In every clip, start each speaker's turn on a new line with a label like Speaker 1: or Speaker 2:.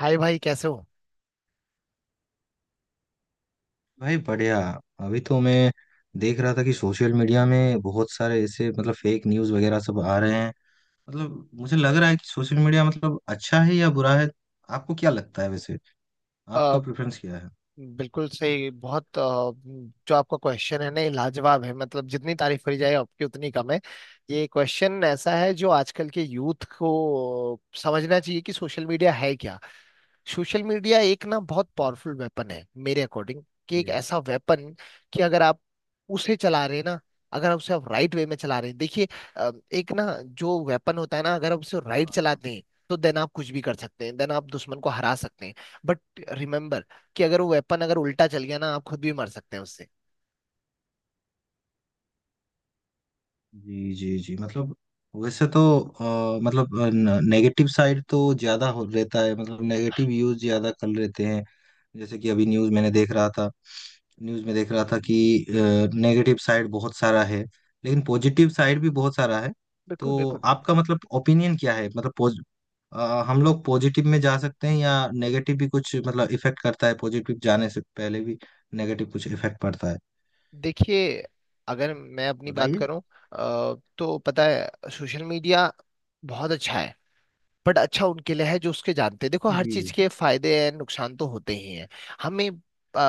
Speaker 1: हाय भाई कैसे हो।
Speaker 2: भाई बढ़िया। अभी तो मैं देख रहा था कि सोशल मीडिया में बहुत सारे ऐसे मतलब फेक न्यूज़ वगैरह सब आ रहे हैं। मतलब मुझे लग रहा है कि सोशल मीडिया मतलब अच्छा है या बुरा है। आपको क्या लगता है वैसे।
Speaker 1: अ,
Speaker 2: आपका प्रेफरेंस क्या है।
Speaker 1: बिल्कुल सही। बहुत जो आपका क्वेश्चन है ना ये लाजवाब है। मतलब जितनी तारीफ करी जाए आपकी उतनी कम है। ये क्वेश्चन ऐसा है जो आजकल के यूथ को समझना चाहिए कि सोशल मीडिया है क्या। सोशल मीडिया एक ना बहुत पावरफुल वेपन है मेरे अकॉर्डिंग। कि एक ऐसा वेपन कि अगर आप उसे चला रहे हैं ना, अगर आप उसे आप राइट वे में चला रहे हैं। देखिए, एक ना जो वेपन होता है ना, अगर आप उसे राइट चलाते
Speaker 2: जी
Speaker 1: हैं तो देन आप कुछ भी कर सकते हैं, देन आप दुश्मन को हरा सकते हैं। बट रिमेम्बर कि अगर वो वेपन अगर उल्टा चल गया ना आप खुद भी मर सकते हैं उससे।
Speaker 2: जी जी जी मतलब वैसे तो मतलब नेगेटिव साइड तो ज्यादा हो रहता है। मतलब नेगेटिव यूज ज्यादा कर लेते हैं। जैसे कि अभी न्यूज मैंने देख रहा था। न्यूज में देख रहा था कि नेगेटिव साइड बहुत सारा है लेकिन पॉजिटिव साइड भी बहुत सारा है।
Speaker 1: बिल्कुल
Speaker 2: तो
Speaker 1: बिल्कुल।
Speaker 2: आपका मतलब ओपिनियन क्या है मतलब हम लोग पॉजिटिव में जा सकते हैं या नेगेटिव भी कुछ मतलब इफेक्ट करता है पॉजिटिव जाने से पहले भी। नेगेटिव कुछ इफेक्ट पड़ता है।
Speaker 1: देखिए, अगर मैं अपनी बात
Speaker 2: बताइए।
Speaker 1: करूं तो पता है सोशल मीडिया बहुत अच्छा है। बट अच्छा उनके लिए है जो उसके जानते हैं। देखो, हर
Speaker 2: जी।
Speaker 1: चीज के फायदे एंड नुकसान तो होते ही हैं। हमें आ,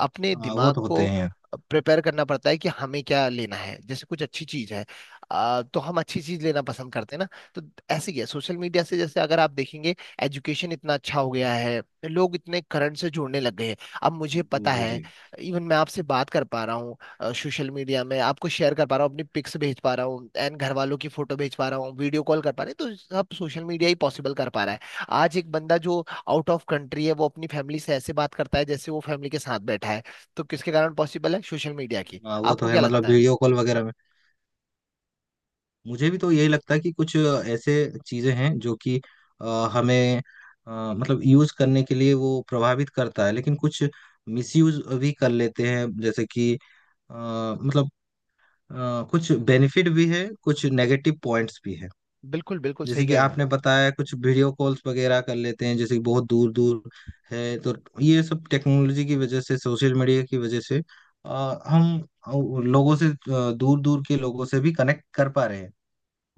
Speaker 1: अपने
Speaker 2: हाँ वो
Speaker 1: दिमाग
Speaker 2: तो
Speaker 1: को
Speaker 2: होते हैं।
Speaker 1: प्रिपेयर करना पड़ता है कि हमें क्या लेना है। जैसे कुछ अच्छी चीज है तो हम अच्छी चीज लेना पसंद करते हैं ना। तो ऐसे ही है सोशल मीडिया से। जैसे अगर आप देखेंगे एजुकेशन इतना अच्छा हो गया है, लोग इतने करंट से जुड़ने लग गए हैं। अब मुझे
Speaker 2: जी
Speaker 1: पता
Speaker 2: जी
Speaker 1: है,
Speaker 2: जी।
Speaker 1: इवन मैं आपसे बात कर पा रहा हूँ, सोशल मीडिया में आपको शेयर कर पा रहा हूँ, अपनी पिक्स भेज पा रहा हूँ एंड घर वालों की फोटो भेज पा रहा हूँ, वीडियो कॉल कर पा रहे हैं, तो सब सोशल मीडिया ही पॉसिबल कर पा रहा है। आज एक बंदा जो आउट ऑफ कंट्री है वो अपनी फैमिली से ऐसे बात करता है जैसे वो फैमिली के साथ बैठा है। तो किसके कारण पॉसिबल है? सोशल मीडिया की।
Speaker 2: हाँ वो तो
Speaker 1: आपको
Speaker 2: है
Speaker 1: क्या लगता
Speaker 2: मतलब
Speaker 1: है?
Speaker 2: वीडियो कॉल वगैरह में। मुझे भी तो यही लगता है कि कुछ ऐसे चीजें हैं जो कि अ, हमें मतलब यूज करने के लिए वो प्रभावित करता है लेकिन कुछ मिसयूज भी कर लेते हैं। जैसे कि अ, मतलब कुछ बेनिफिट भी है कुछ नेगेटिव पॉइंट्स भी है।
Speaker 1: बिल्कुल बिल्कुल सही
Speaker 2: जैसे कि
Speaker 1: कह रहे हैं आप।
Speaker 2: आपने बताया कुछ वीडियो कॉल्स वगैरह कर लेते हैं। जैसे कि बहुत दूर दूर है तो ये सब टेक्नोलॉजी की वजह से सोशल मीडिया की वजह से हम लोगों से दूर दूर के लोगों से भी कनेक्ट कर पा रहे हैं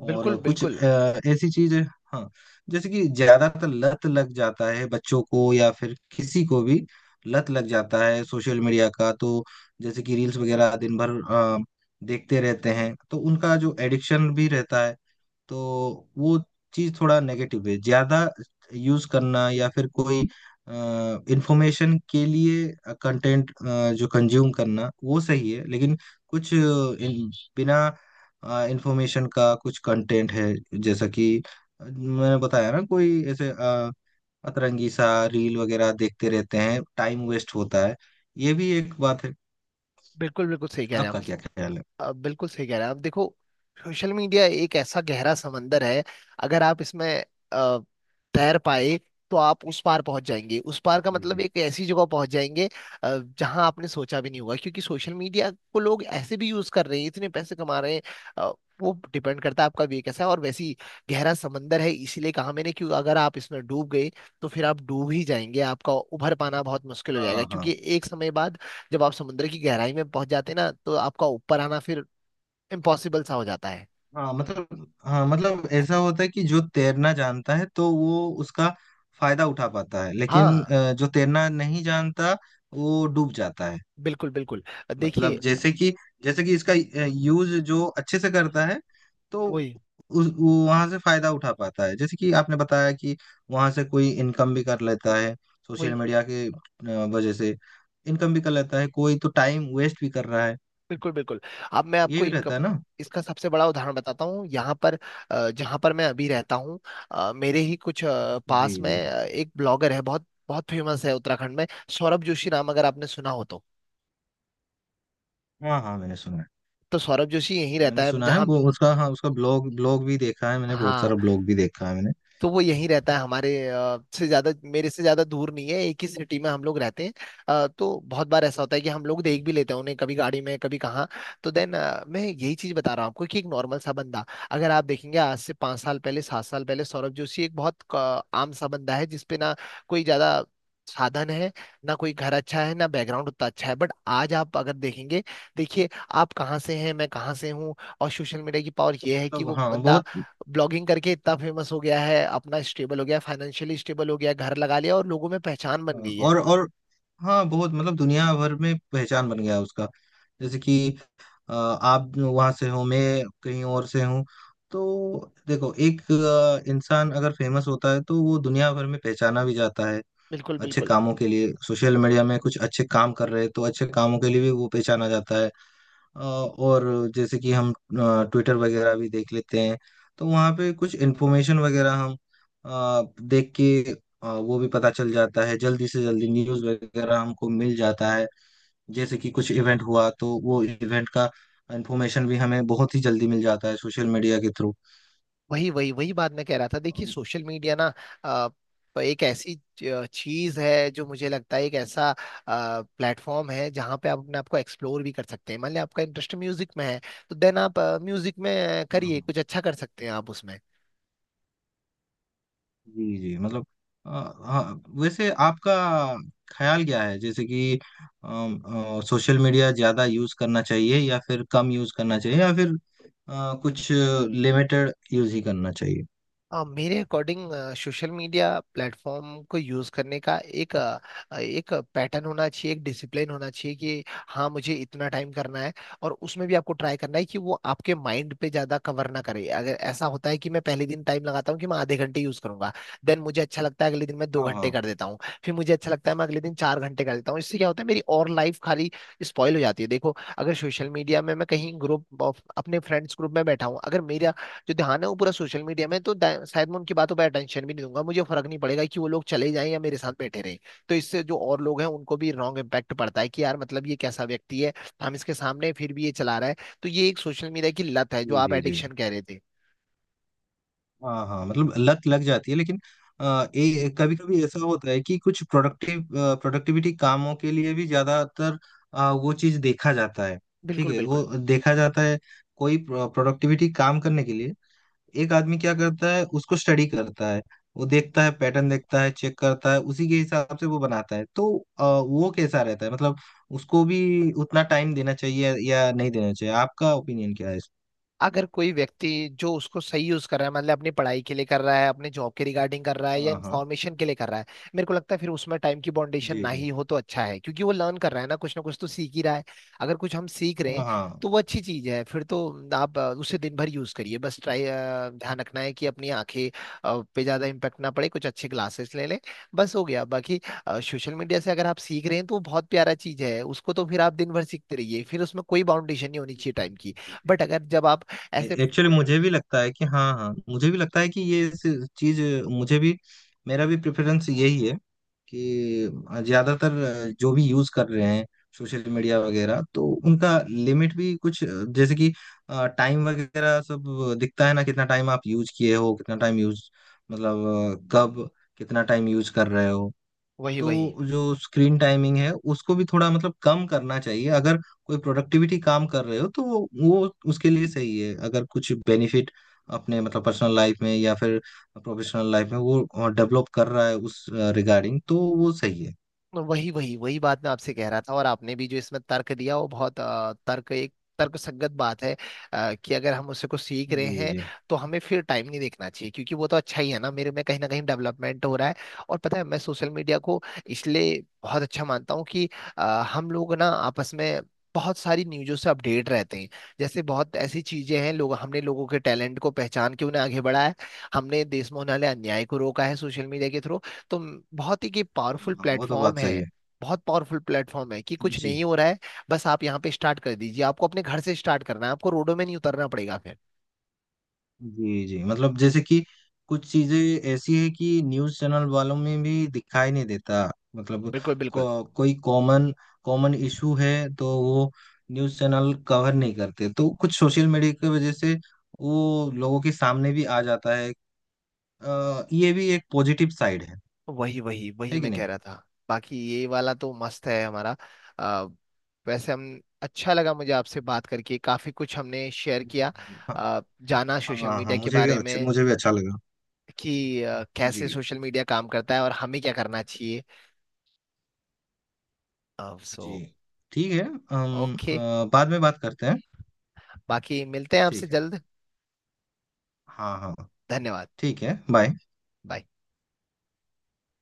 Speaker 1: बिल्कुल
Speaker 2: और कुछ
Speaker 1: बिल्कुल।
Speaker 2: ऐसी चीज। हाँ। जैसे कि ज्यादातर लत लग जाता है बच्चों को या फिर किसी को भी लत लग जाता है सोशल मीडिया का। तो जैसे कि रील्स वगैरह दिन भर अ, देखते रहते हैं तो उनका जो एडिक्शन भी रहता है। तो वो चीज थोड़ा नेगेटिव है। ज्यादा यूज करना या फिर कोई इंफॉर्मेशन के लिए कंटेंट जो कंज्यूम करना वो सही है लेकिन कुछ इन, बिना इंफॉर्मेशन का कुछ कंटेंट है। जैसा कि मैंने बताया ना कोई ऐसे अतरंगी सा रील वगैरह देखते रहते हैं। टाइम वेस्ट होता है। ये भी एक बात है।
Speaker 1: बिल्कुल बिल्कुल सही कह रहे हैं आप।
Speaker 2: आपका क्या ख्याल है।
Speaker 1: अब बिल्कुल सही कह रहे हैं आप। देखो, सोशल मीडिया एक ऐसा गहरा समंदर है। अगर आप इसमें अ, तैर पाए तो आप उस पार पहुंच जाएंगे। उस पार का
Speaker 2: जी
Speaker 1: मतलब
Speaker 2: जी।
Speaker 1: एक ऐसी जगह पहुंच जाएंगे जहां आपने सोचा भी नहीं होगा। क्योंकि सोशल मीडिया को लोग ऐसे भी यूज कर रहे हैं, इतने पैसे कमा रहे हैं। अ, वो डिपेंड करता है आपका वे कैसा है। और वैसे ही गहरा समंदर है, इसीलिए कहा मैंने कि अगर आप इसमें डूब गए तो फिर आप डूब ही जाएंगे। आपका उभर पाना बहुत मुश्किल हो जाएगा,
Speaker 2: हाँ हाँ
Speaker 1: क्योंकि एक समय बाद जब आप समुद्र की गहराई में पहुंच जाते हैं ना तो आपका ऊपर आना फिर इम्पॉसिबल सा हो जाता है।
Speaker 2: हाँ मतलब हाँ मतलब ऐसा होता है कि जो तैरना जानता है तो वो उसका फायदा उठा पाता है लेकिन
Speaker 1: हाँ
Speaker 2: जो तैरना नहीं जानता वो डूब जाता है।
Speaker 1: बिल्कुल बिल्कुल। देखिए,
Speaker 2: मतलब जैसे कि इसका यूज जो अच्छे से करता है तो
Speaker 1: वही
Speaker 2: उस वहां से फायदा उठा पाता है। जैसे कि आपने बताया कि वहां से कोई इनकम भी कर लेता है सोशल
Speaker 1: वही।
Speaker 2: मीडिया के वजह से। इनकम भी कर लेता है कोई तो टाइम वेस्ट भी कर रहा है।
Speaker 1: बिल्कुल बिल्कुल। अब मैं
Speaker 2: ये
Speaker 1: आपको
Speaker 2: भी रहता
Speaker 1: इनकम
Speaker 2: है ना।
Speaker 1: इसका सबसे बड़ा उदाहरण बताता हूँ। यहाँ पर जहाँ पर मैं अभी रहता हूँ मेरे ही कुछ
Speaker 2: जी
Speaker 1: पास में
Speaker 2: जी।
Speaker 1: एक ब्लॉगर है, बहुत बहुत फेमस है उत्तराखंड में। सौरभ जोशी नाम अगर आपने सुना हो तो।
Speaker 2: हाँ हाँ मैंने सुना है।
Speaker 1: तो सौरभ जोशी यहीं रहता
Speaker 2: मैंने
Speaker 1: है
Speaker 2: सुना है
Speaker 1: जहाँ।
Speaker 2: वो उसका, हाँ उसका ब्लॉग, ब्लॉग भी देखा है मैंने बहुत
Speaker 1: हाँ,
Speaker 2: सारा ब्लॉग भी देखा है मैंने
Speaker 1: तो वो यहीं रहता है। हमारे से ज्यादा, मेरे से ज्यादा दूर नहीं है। एक ही सिटी में हम लोग रहते हैं। तो बहुत बार ऐसा होता है कि हम लोग देख भी लेते हैं उन्हें, कभी गाड़ी में कभी कहाँ। तो देन मैं यही चीज बता रहा हूँ आपको कि एक नॉर्मल सा बंदा, अगर आप देखेंगे आज से पाँच साल पहले, सात साल पहले, सौरभ जोशी एक बहुत आम सा बंदा है जिसपे ना कोई ज्यादा साधन है, ना कोई घर अच्छा है, ना बैकग्राउंड उतना अच्छा है। बट आज आप अगर देखेंगे, देखिए, आप कहाँ से हैं, मैं कहाँ से हूँ, और सोशल मीडिया की पावर ये है कि
Speaker 2: मतलब
Speaker 1: वो
Speaker 2: हाँ
Speaker 1: बंदा
Speaker 2: बहुत।
Speaker 1: ब्लॉगिंग करके इतना फेमस हो गया है। अपना स्टेबल हो गया, फाइनेंशियली स्टेबल हो गया, घर लगा लिया, और लोगों में पहचान बन
Speaker 2: हाँ,
Speaker 1: गई है।
Speaker 2: और हाँ बहुत मतलब दुनिया भर में पहचान बन गया है उसका। जैसे कि आप वहां से हो, मैं कहीं और से हूँ। तो देखो एक इंसान अगर फेमस होता है तो वो दुनिया भर में पहचाना भी जाता है।
Speaker 1: बिल्कुल
Speaker 2: अच्छे
Speaker 1: बिल्कुल।
Speaker 2: कामों के लिए सोशल मीडिया में कुछ अच्छे काम कर रहे हैं तो अच्छे कामों के लिए भी वो पहचाना जाता है। और जैसे कि हम ट्विटर वगैरह भी देख लेते हैं तो वहाँ पे कुछ इन्फॉर्मेशन वगैरह हम देख के वो भी पता चल जाता है। जल्दी से जल्दी न्यूज़ वगैरह हमको मिल जाता है। जैसे कि कुछ इवेंट हुआ तो वो इवेंट का इन्फॉर्मेशन भी हमें बहुत ही जल्दी मिल जाता है सोशल मीडिया के
Speaker 1: वही वही वही बात मैं कह रहा था। देखिए, सोशल मीडिया ना अ, एक ऐसी चीज है जो मुझे लगता है एक ऐसा प्लेटफॉर्म है जहाँ पे आप अपने आप को एक्सप्लोर भी कर सकते हैं। मान लिया आपका इंटरेस्ट म्यूजिक में है, तो देन आप म्यूजिक में
Speaker 2: थ्रू।
Speaker 1: करिए, कुछ अच्छा कर सकते हैं आप उसमें।
Speaker 2: जी जी मतलब अ, हाँ वैसे आपका ख्याल क्या है जैसे कि सोशल मीडिया ज्यादा यूज करना चाहिए या फिर कम यूज करना चाहिए या फिर कुछ लिमिटेड यूज ही करना चाहिए।
Speaker 1: मेरे अकॉर्डिंग सोशल मीडिया प्लेटफॉर्म को यूज़ करने का एक पैटर्न होना चाहिए, एक डिसिप्लिन होना चाहिए कि हाँ मुझे इतना टाइम करना है। और उसमें भी आपको ट्राई करना है कि वो आपके माइंड पे ज़्यादा कवर ना करे। अगर ऐसा होता है कि मैं पहले दिन टाइम लगाता हूँ कि मैं आधे घंटे यूज़ करूंगा, देन मुझे अच्छा लगता है, अगले दिन मैं दो
Speaker 2: हाँ
Speaker 1: घंटे
Speaker 2: हाँ।
Speaker 1: कर देता हूँ, फिर मुझे अच्छा लगता है, मैं अगले दिन चार घंटे कर देता हूँ, इससे क्या होता है मेरी और लाइफ खाली स्पॉइल हो जाती है। देखो, अगर सोशल मीडिया में मैं कहीं ग्रुप अपने फ्रेंड्स ग्रुप में बैठा हूँ, अगर मेरा जो ध्यान है वो पूरा सोशल मीडिया में है, तो शायद मैं उनकी बातों पर अटेंशन भी नहीं दूंगा। मुझे फर्क नहीं पड़ेगा कि वो लोग चले जाएं या मेरे साथ बैठे रहें। तो इससे जो और लोग हैं उनको भी रॉन्ग इम्पैक्ट पड़ता है कि यार मतलब ये कैसा व्यक्ति है, हम इसके सामने हैं, फिर भी ये चला रहा है। तो ये एक सोशल मीडिया की लत है जो
Speaker 2: जी
Speaker 1: आप
Speaker 2: जी जी।
Speaker 1: एडिक्शन कह रहे थे।
Speaker 2: हाँ हाँ, मतलब लत लग जाती है लेकिन कभी कभी ऐसा होता है कि कुछ प्रोडक्टिविटी कामों के लिए भी ज्यादातर वो चीज देखा जाता है। ठीक
Speaker 1: बिल्कुल
Speaker 2: है वो
Speaker 1: बिल्कुल।
Speaker 2: देखा जाता है। कोई प्रोडक्टिविटी काम करने के लिए एक आदमी क्या करता है, उसको स्टडी करता है। वो देखता है, पैटर्न देखता है, चेक करता है, उसी के हिसाब से वो बनाता है। तो वो कैसा रहता है मतलब उसको भी उतना टाइम देना चाहिए या नहीं देना चाहिए। आपका ओपिनियन क्या है इस।
Speaker 1: अगर कोई व्यक्ति जो उसको सही यूज कर रहा है, मतलब अपनी पढ़ाई के लिए कर रहा है, अपने जॉब के रिगार्डिंग कर रहा है, या
Speaker 2: हाँ हाँ।
Speaker 1: इन्फॉर्मेशन के लिए कर रहा है, मेरे को लगता है फिर उसमें टाइम की बाउंडेशन
Speaker 2: जी
Speaker 1: ना ही
Speaker 2: जी।
Speaker 1: हो तो अच्छा है। क्योंकि वो लर्न कर रहा है ना, कुछ ना कुछ तो सीख ही रहा है। अगर कुछ हम सीख रहे हैं
Speaker 2: हाँ हाँ।
Speaker 1: तो वो अच्छी चीज है। फिर तो आप उसे दिन भर यूज करिए। बस ट्राई ध्यान रखना है कि अपनी आंखें पे ज्यादा इम्पेक्ट ना पड़े, कुछ अच्छे ग्लासेस ले लें, बस हो गया। बाकी सोशल मीडिया से अगर आप सीख रहे हैं तो वो बहुत प्यारा चीज है उसको। तो फिर आप दिन भर सीखते रहिए, फिर उसमें कोई बाउंडेशन नहीं होनी चाहिए टाइम की। बट अगर जब आप ऐसे
Speaker 2: एक्चुअली
Speaker 1: कु-
Speaker 2: मुझे भी लगता है कि, हाँ हाँ, मुझे भी लगता है कि ये चीज मुझे भी, मेरा भी प्रेफरेंस यही है कि ज्यादातर जो भी यूज कर रहे हैं सोशल मीडिया वगैरह तो उनका लिमिट भी कुछ, जैसे कि टाइम वगैरह सब दिखता है ना कितना टाइम आप यूज किए हो कितना टाइम यूज मतलब कब कितना टाइम यूज कर रहे हो।
Speaker 1: वही
Speaker 2: तो
Speaker 1: वही
Speaker 2: जो स्क्रीन टाइमिंग है उसको भी थोड़ा मतलब कम करना चाहिए। अगर कोई प्रोडक्टिविटी काम कर रहे हो तो वो उसके लिए सही है। अगर कुछ बेनिफिट अपने मतलब पर्सनल लाइफ में या फिर प्रोफेशनल लाइफ में वो डेवलप कर रहा है उस रिगार्डिंग तो वो सही है।
Speaker 1: वही वही वही बात मैं आपसे कह रहा था। और आपने भी जो इसमें तर्क दिया वो बहुत तर्क संगत बात है। कि अगर हम उससे कुछ सीख रहे
Speaker 2: जी
Speaker 1: हैं
Speaker 2: जी।
Speaker 1: तो हमें फिर टाइम नहीं देखना चाहिए, क्योंकि वो तो अच्छा ही है ना, मेरे में कहीं ना कहीं डेवलपमेंट हो रहा है। और पता है, मैं सोशल मीडिया को इसलिए बहुत अच्छा मानता हूँ कि अ, हम लोग ना आपस में बहुत सारी न्यूज़ों से अपडेट रहते हैं। जैसे बहुत ऐसी चीजें हैं, लोग, हमने लोगों के टैलेंट को पहचान के उन्हें आगे बढ़ाया है, हमने देश में होने वाले अन्याय को रोका है सोशल मीडिया के थ्रू। तो बहुत ही कि पावरफुल
Speaker 2: हाँ वो तो
Speaker 1: प्लेटफॉर्म
Speaker 2: बात सही
Speaker 1: है,
Speaker 2: है।
Speaker 1: बहुत पावरफुल प्लेटफॉर्म है, कि कुछ
Speaker 2: जी
Speaker 1: नहीं हो रहा है, बस आप यहाँ पे स्टार्ट कर दीजिए। आपको अपने घर से स्टार्ट करना है, आपको रोडों में नहीं उतरना पड़ेगा फिर।
Speaker 2: जी जी, मतलब जैसे कि कुछ चीजें ऐसी है कि न्यूज चैनल वालों में भी दिखाई नहीं देता। मतलब
Speaker 1: बिल्कुल बिल्कुल।
Speaker 2: कोई कॉमन कॉमन इशू है तो वो न्यूज चैनल कवर नहीं करते तो कुछ सोशल मीडिया की वजह से वो लोगों के सामने भी आ जाता है। ये भी एक पॉजिटिव साइड है।
Speaker 1: वही वही वही
Speaker 2: है कि
Speaker 1: मैं
Speaker 2: नहीं।
Speaker 1: कह रहा था। बाकी ये वाला तो मस्त है हमारा। आ, वैसे हम, अच्छा लगा मुझे आपसे बात करके। काफी कुछ हमने शेयर किया,
Speaker 2: हाँ
Speaker 1: जाना सोशल
Speaker 2: हाँ हाँ,
Speaker 1: मीडिया के
Speaker 2: मुझे भी
Speaker 1: बारे
Speaker 2: अच्छा,
Speaker 1: में
Speaker 2: मुझे भी अच्छा लगा।
Speaker 1: कि
Speaker 2: जी
Speaker 1: कैसे सोशल मीडिया काम करता है और हमें क्या करना चाहिए। सो,
Speaker 2: जी। ठीक है। हम
Speaker 1: ओके।
Speaker 2: बाद में बात करते हैं।
Speaker 1: बाकी मिलते हैं आपसे
Speaker 2: ठीक है।
Speaker 1: जल्द।
Speaker 2: हाँ हाँ।
Speaker 1: धन्यवाद।
Speaker 2: ठीक है बाय।
Speaker 1: बाय।